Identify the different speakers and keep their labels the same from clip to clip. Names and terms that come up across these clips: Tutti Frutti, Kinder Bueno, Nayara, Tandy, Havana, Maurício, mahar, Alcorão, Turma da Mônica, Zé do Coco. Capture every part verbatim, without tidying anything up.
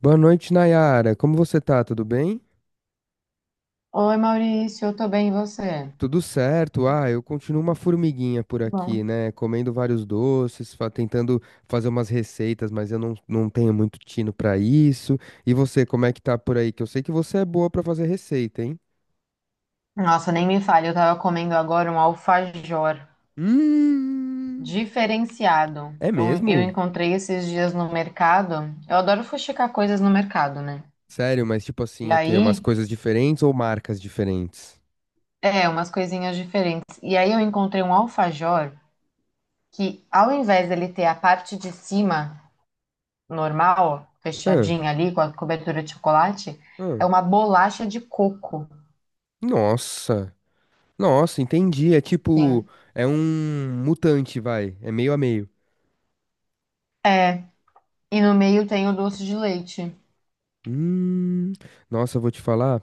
Speaker 1: Boa noite, Nayara. Como você tá? Tudo bem?
Speaker 2: Oi, Maurício, eu tô bem, e você?
Speaker 1: Tudo certo. Ah, eu continuo uma formiguinha por aqui,
Speaker 2: Bom,
Speaker 1: né? Comendo vários doces, fa- tentando fazer umas receitas, mas eu não, não tenho muito tino pra isso. E você, como é que tá por aí? Que eu sei que você é boa pra fazer receita, hein?
Speaker 2: nossa, nem me fale, eu tava comendo agora um alfajor
Speaker 1: Hum,
Speaker 2: diferenciado.
Speaker 1: é
Speaker 2: Eu, eu
Speaker 1: mesmo?
Speaker 2: encontrei esses dias no mercado. Eu adoro fuxicar coisas no mercado, né?
Speaker 1: Sério, mas tipo assim,
Speaker 2: E
Speaker 1: o quê? Umas
Speaker 2: aí,
Speaker 1: coisas diferentes ou marcas diferentes?
Speaker 2: é, umas coisinhas diferentes. E aí eu encontrei um alfajor que, ao invés dele ter a parte de cima normal,
Speaker 1: Ah,
Speaker 2: fechadinha ali, com a cobertura de chocolate,
Speaker 1: ah.
Speaker 2: é uma bolacha de coco.
Speaker 1: Nossa. Nossa, entendi. É tipo,
Speaker 2: Sim.
Speaker 1: é um mutante, vai. É meio a meio.
Speaker 2: É, e no meio tem o doce de leite.
Speaker 1: Hum, nossa, eu vou te falar.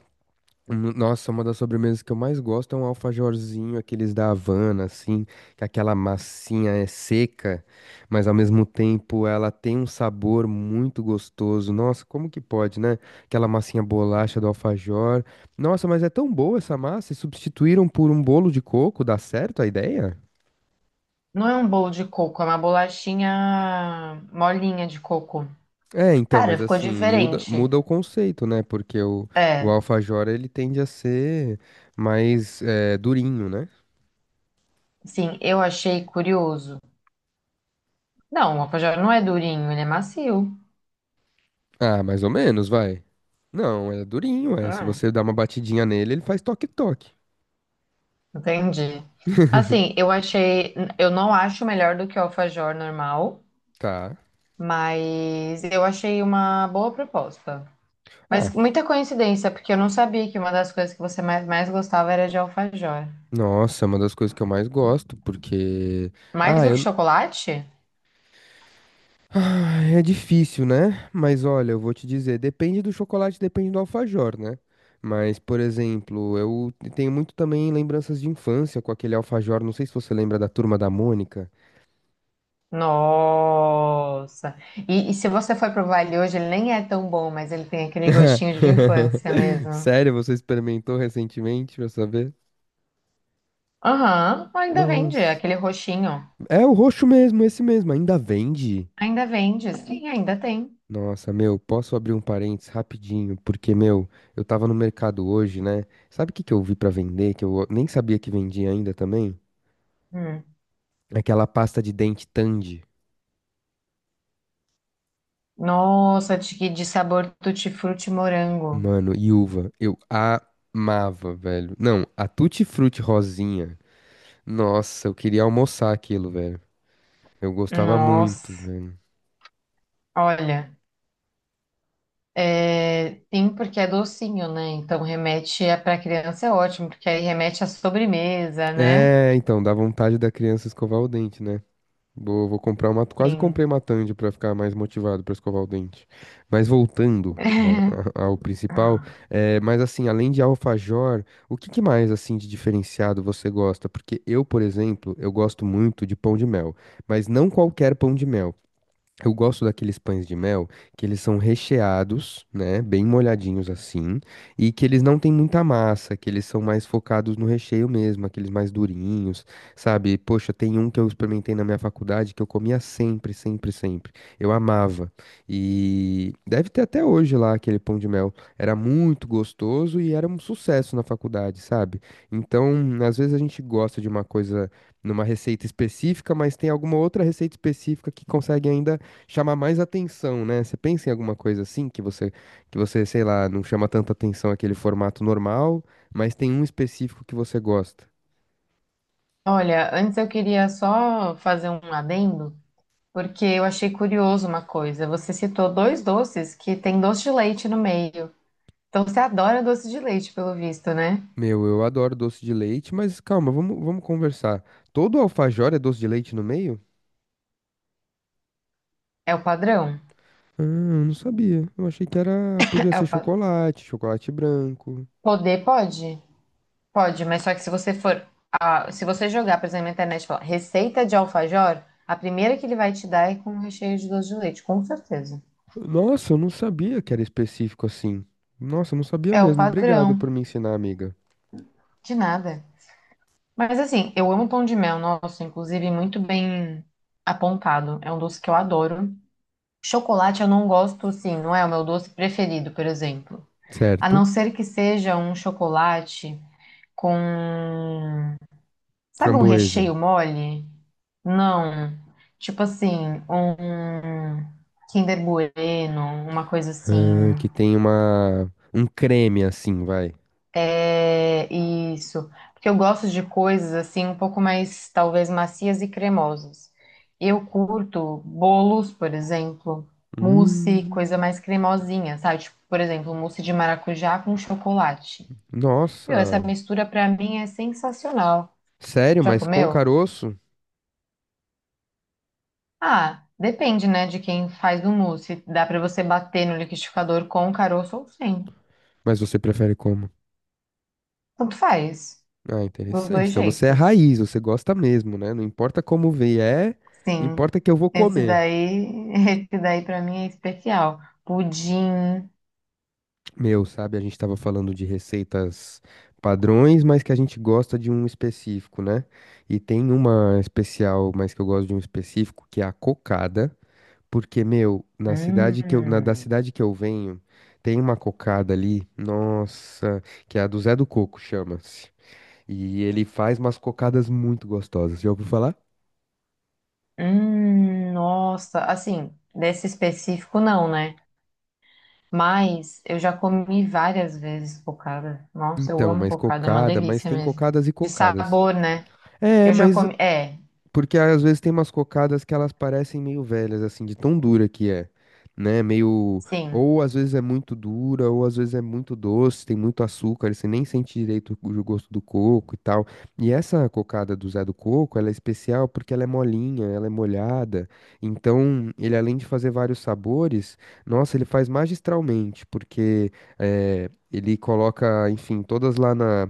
Speaker 1: Hum, nossa, uma das sobremesas que eu mais gosto é um alfajorzinho, aqueles da Havana, assim, que aquela massinha é seca, mas ao mesmo tempo ela tem um sabor muito gostoso. Nossa, como que pode, né? Aquela massinha bolacha do alfajor. Nossa, mas é tão boa essa massa, e substituíram por um bolo de coco, dá certo a ideia?
Speaker 2: Não é um bolo de coco, é uma bolachinha molinha de coco.
Speaker 1: É, então,
Speaker 2: Cara,
Speaker 1: mas
Speaker 2: ficou
Speaker 1: assim, muda,
Speaker 2: diferente.
Speaker 1: muda o conceito, né? Porque o, o
Speaker 2: É,
Speaker 1: alfajor, ele tende a ser mais eh, durinho, né?
Speaker 2: sim, eu achei curioso. Não, o alfajor não é durinho, ele é macio.
Speaker 1: Ah, mais ou menos, vai. Não, é durinho, é. Se
Speaker 2: Hum,
Speaker 1: você dá uma batidinha nele, ele faz toque-toque.
Speaker 2: entendi. Assim, eu achei. Eu não acho melhor do que o alfajor normal,
Speaker 1: Tá.
Speaker 2: mas eu achei uma boa proposta. Mas
Speaker 1: Ah,
Speaker 2: muita coincidência, porque eu não sabia que uma das coisas que você mais, mais gostava era de alfajor.
Speaker 1: nossa, é uma das coisas que eu mais gosto, porque.
Speaker 2: Mais
Speaker 1: Ah,
Speaker 2: do que
Speaker 1: eu.
Speaker 2: chocolate?
Speaker 1: Ah, é difícil, né? Mas olha, eu vou te dizer, depende do chocolate, depende do alfajor, né? Mas, por exemplo, eu tenho muito também lembranças de infância com aquele alfajor. Não sei se você lembra da Turma da Mônica.
Speaker 2: Nossa. E, e se você for provar ele hoje, ele nem é tão bom, mas ele tem aquele gostinho de infância mesmo.
Speaker 1: Sério, você experimentou recentemente pra saber?
Speaker 2: Aham, ainda vende,
Speaker 1: Nossa.
Speaker 2: aquele roxinho.
Speaker 1: É o roxo mesmo, esse mesmo. Ainda vende?
Speaker 2: Ainda vende, sim, ainda tem.
Speaker 1: Nossa, meu, posso abrir um parênteses rapidinho? Porque, meu, eu tava no mercado hoje, né? Sabe o que que eu vi pra vender? Que eu nem sabia que vendia ainda também?
Speaker 2: Hum.
Speaker 1: Aquela pasta de dente Tandy.
Speaker 2: Nossa, de, de sabor tutti-frutti morango.
Speaker 1: Mano, e uva. Eu amava, velho. Não, a Tutti Frutti rosinha. Nossa, eu queria almoçar aquilo, velho. Eu gostava muito,
Speaker 2: Nossa,
Speaker 1: velho.
Speaker 2: olha. É, sim, porque é docinho, né? Então remete a, pra criança é ótimo, porque aí remete à sobremesa, né?
Speaker 1: É, então, dá vontade da criança escovar o dente, né? Vou, vou comprar uma. Quase
Speaker 2: Sim.
Speaker 1: comprei uma Tandy pra ficar mais motivado pra escovar o dente. Mas voltando a- a- ao principal, é, mas assim, além de alfajor, o que que mais assim de diferenciado você gosta? Porque eu, por exemplo, eu gosto muito de pão de mel, mas não qualquer pão de mel. Eu gosto daqueles pães de mel que eles são recheados, né, bem molhadinhos assim, e que eles não têm muita massa, que eles são mais focados no recheio mesmo, aqueles mais durinhos, sabe? Poxa, tem um que eu experimentei na minha faculdade que eu comia sempre, sempre, sempre. Eu amava. E deve ter até hoje lá aquele pão de mel. Era muito gostoso e era um sucesso na faculdade, sabe? Então, às vezes a gente gosta de uma coisa numa receita específica, mas tem alguma outra receita específica que consegue ainda chamar mais atenção, né? Você pensa em alguma coisa assim que você, que você, sei lá, não chama tanta atenção aquele formato normal, mas tem um específico que você gosta.
Speaker 2: Olha, antes eu queria só fazer um adendo, porque eu achei curioso uma coisa. Você citou dois doces que tem doce de leite no meio. Então você adora doce de leite, pelo visto, né?
Speaker 1: Meu, eu adoro doce de leite, mas calma, vamos, vamos conversar. Todo alfajor é doce de leite no meio?
Speaker 2: É o padrão.
Speaker 1: Ah, eu não sabia. Eu achei que era, podia
Speaker 2: É
Speaker 1: ser
Speaker 2: o padrão.
Speaker 1: chocolate, chocolate branco.
Speaker 2: Poder pode? Pode, mas só que se você for, ah, se você jogar, por exemplo, na internet, e falar receita de alfajor, a primeira que ele vai te dar é com recheio de doce de leite, com certeza.
Speaker 1: Nossa, eu não sabia que era específico assim. Nossa, eu não sabia
Speaker 2: É o
Speaker 1: mesmo. Obrigado
Speaker 2: padrão.
Speaker 1: por me ensinar, amiga.
Speaker 2: De nada. Mas assim, eu amo pão de mel, nossa, inclusive muito bem apontado. É um doce que eu adoro. Chocolate eu não gosto, assim não é o meu doce preferido, por exemplo. A não
Speaker 1: Certo.
Speaker 2: ser que seja um chocolate com, sabe, um
Speaker 1: Framboesa.
Speaker 2: recheio mole? Não. Tipo assim, um Kinder Bueno, uma coisa assim.
Speaker 1: Ah, que tem uma um creme assim, vai.
Speaker 2: É isso. Porque eu gosto de coisas assim um pouco mais, talvez, macias e cremosas. Eu curto bolos, por exemplo, mousse, coisa
Speaker 1: Hum,
Speaker 2: mais cremosinha, sabe? Tipo, por exemplo, mousse de maracujá com chocolate. Meu, essa
Speaker 1: nossa.
Speaker 2: mistura pra mim é sensacional.
Speaker 1: Sério,
Speaker 2: Já
Speaker 1: mas com
Speaker 2: comeu?
Speaker 1: caroço?
Speaker 2: Ah, depende, né, de quem faz o mousse. Dá pra você bater no liquidificador com o caroço ou sem.
Speaker 1: Mas você prefere como?
Speaker 2: Tanto faz,
Speaker 1: Ah,
Speaker 2: dos
Speaker 1: interessante.
Speaker 2: dois
Speaker 1: Então você é
Speaker 2: jeitos.
Speaker 1: raiz, você gosta mesmo, né? Não importa como vier,
Speaker 2: Sim,
Speaker 1: importa que eu vou
Speaker 2: esse
Speaker 1: comer.
Speaker 2: daí, esse daí para mim é especial. Pudim.
Speaker 1: Meu, sabe, a gente tava falando de receitas padrões, mas que a gente gosta de um específico, né? E tem uma especial, mas que eu gosto de um específico, que é a cocada. Porque, meu, na cidade que eu, na, da
Speaker 2: Hum,
Speaker 1: cidade que eu venho, tem uma cocada ali, nossa, que é a do Zé do Coco, chama-se. E ele faz umas cocadas muito gostosas. Já ouviu falar?
Speaker 2: hum, nossa, assim, desse específico não, né? Mas eu já comi várias vezes cocada. Nossa, eu
Speaker 1: Então,
Speaker 2: amo
Speaker 1: mas
Speaker 2: cocada, é uma
Speaker 1: cocada, mas
Speaker 2: delícia
Speaker 1: tem
Speaker 2: mesmo.
Speaker 1: cocadas e
Speaker 2: De
Speaker 1: cocadas.
Speaker 2: sabor, né?
Speaker 1: É,
Speaker 2: Eu já
Speaker 1: mas
Speaker 2: comi, é,
Speaker 1: porque ah, às vezes tem umas cocadas que elas parecem meio velhas, assim, de tão dura que é, né? Meio.
Speaker 2: sim.
Speaker 1: Ou às vezes é muito dura, ou às vezes é muito doce, tem muito açúcar, e você nem sente direito o o gosto do coco e tal. E essa cocada do Zé do Coco, ela é especial porque ela é molinha, ela é molhada. Então, ele além de fazer vários sabores, nossa, ele faz magistralmente, porque eh, ele coloca, enfim, todas lá na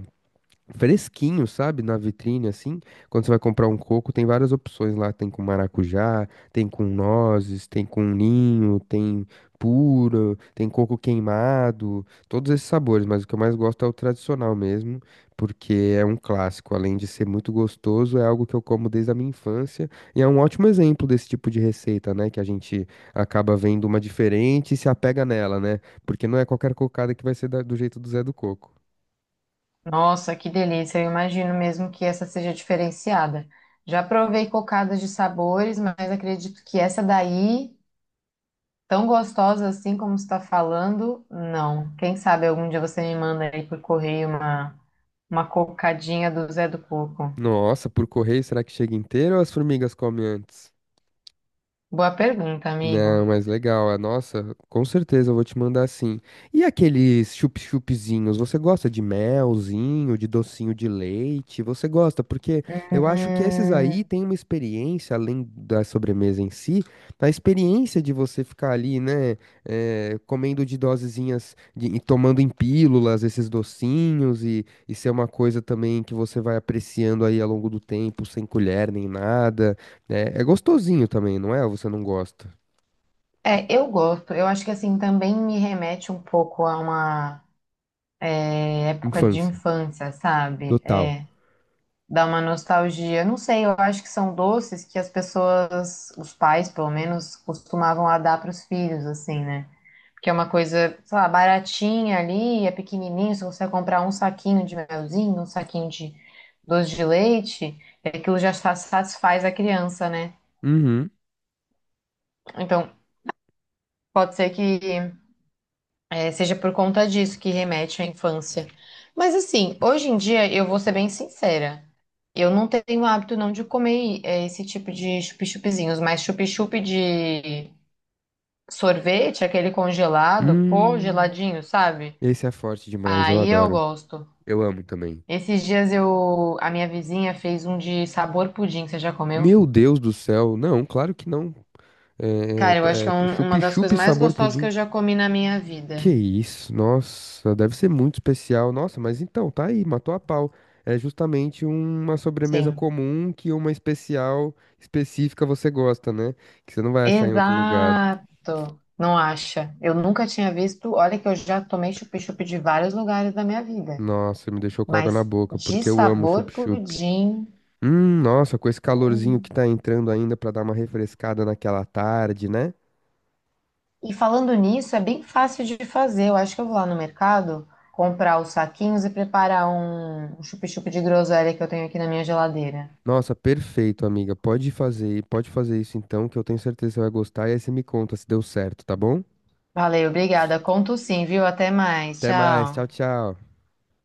Speaker 1: fresquinho, sabe? Na vitrine, assim. Quando você vai comprar um coco, tem várias opções lá. Tem com maracujá, tem com nozes, tem com ninho, tem puro, tem coco queimado, todos esses sabores. Mas o que eu mais gosto é o tradicional mesmo, porque é um clássico. Além de ser muito gostoso, é algo que eu como desde a minha infância. E é um ótimo exemplo desse tipo de receita, né? Que a gente acaba vendo uma diferente e se apega nela, né? Porque não é qualquer cocada que vai ser da- do jeito do Zé do Coco.
Speaker 2: Nossa, que delícia. Eu imagino mesmo que essa seja diferenciada. Já provei cocadas de sabores, mas acredito que essa daí tão gostosa assim como você está falando? Não. Quem sabe algum dia você me manda aí por correio uma, uma cocadinha do Zé do Coco.
Speaker 1: Nossa, por correio, será que chega inteiro ou as formigas comem antes?
Speaker 2: Boa pergunta,
Speaker 1: Não,
Speaker 2: amigo.
Speaker 1: mas legal. Ah, nossa, com certeza eu vou te mandar sim. E aqueles chup-chupzinhos, você gosta de melzinho, de docinho de leite? Você gosta? Porque eu acho que esses aí
Speaker 2: Hum,
Speaker 1: têm uma experiência, além da sobremesa em si, a experiência de você ficar ali, né, eh, comendo de dosezinhas de- e tomando em pílulas esses docinhos e, e ser uma coisa também que você vai apreciando aí ao longo do tempo, sem colher nem nada. É, é gostosinho também, não é? Ou você não gosta?
Speaker 2: é, eu gosto. Eu acho que assim também me remete um pouco a uma é, época de
Speaker 1: Infância.
Speaker 2: infância, sabe?
Speaker 1: Total.
Speaker 2: É, dá uma nostalgia. Não sei, eu acho que são doces que as pessoas, os pais pelo menos, costumavam a dar para os filhos, assim, né? Que é uma coisa, sei lá, baratinha ali, é pequenininho, se você comprar um saquinho de melzinho, um saquinho de doce de leite, aquilo já sa- satisfaz a criança, né?
Speaker 1: Uhum.
Speaker 2: Então, pode ser que é, seja por conta disso que remete à infância. Mas assim, hoje em dia, eu vou ser bem sincera, eu não tenho hábito não de comer é, esse tipo de chup-chupizinhos, mas chup-chup de sorvete, aquele congelado, pô,
Speaker 1: Hum.
Speaker 2: geladinho, sabe?
Speaker 1: Esse é forte demais, eu
Speaker 2: Aí eu
Speaker 1: adoro.
Speaker 2: gosto.
Speaker 1: Eu amo também.
Speaker 2: Esses dias eu, a minha vizinha fez um de sabor pudim, você já comeu?
Speaker 1: Meu Deus do céu. Não, claro que não. É, é,
Speaker 2: Cara, eu acho que é
Speaker 1: é,
Speaker 2: um- uma das
Speaker 1: chup-chup
Speaker 2: coisas mais
Speaker 1: sabor
Speaker 2: gostosas que
Speaker 1: pudim.
Speaker 2: eu já comi na minha vida.
Speaker 1: Que isso, nossa, deve ser muito especial. Nossa, mas então, tá aí, matou a pau. É justamente uma sobremesa
Speaker 2: Sim.
Speaker 1: comum que uma especial específica você gosta, né? Que você não vai achar em outro lugar.
Speaker 2: Exato. Não acha? Eu nunca tinha visto. Olha que eu já tomei chup-chup de vários lugares da minha vida,
Speaker 1: Nossa, me deixou com água na
Speaker 2: mas
Speaker 1: boca,
Speaker 2: de
Speaker 1: porque eu amo
Speaker 2: sabor
Speaker 1: chup-chup.
Speaker 2: pudim.
Speaker 1: Hum, nossa, com esse calorzinho que
Speaker 2: Hum.
Speaker 1: tá entrando ainda pra dar uma refrescada naquela tarde, né?
Speaker 2: E falando nisso, é bem fácil de fazer. Eu acho que eu vou lá no mercado comprar os saquinhos e preparar um um chup-chup de groselha que eu tenho aqui na minha geladeira.
Speaker 1: Nossa, perfeito, amiga. Pode fazer, pode fazer isso então, que eu tenho certeza que você vai gostar. E aí você me conta se deu certo, tá bom?
Speaker 2: Valeu, obrigada. Conto sim, viu? Até mais.
Speaker 1: Até mais,
Speaker 2: Tchau.
Speaker 1: tchau, tchau.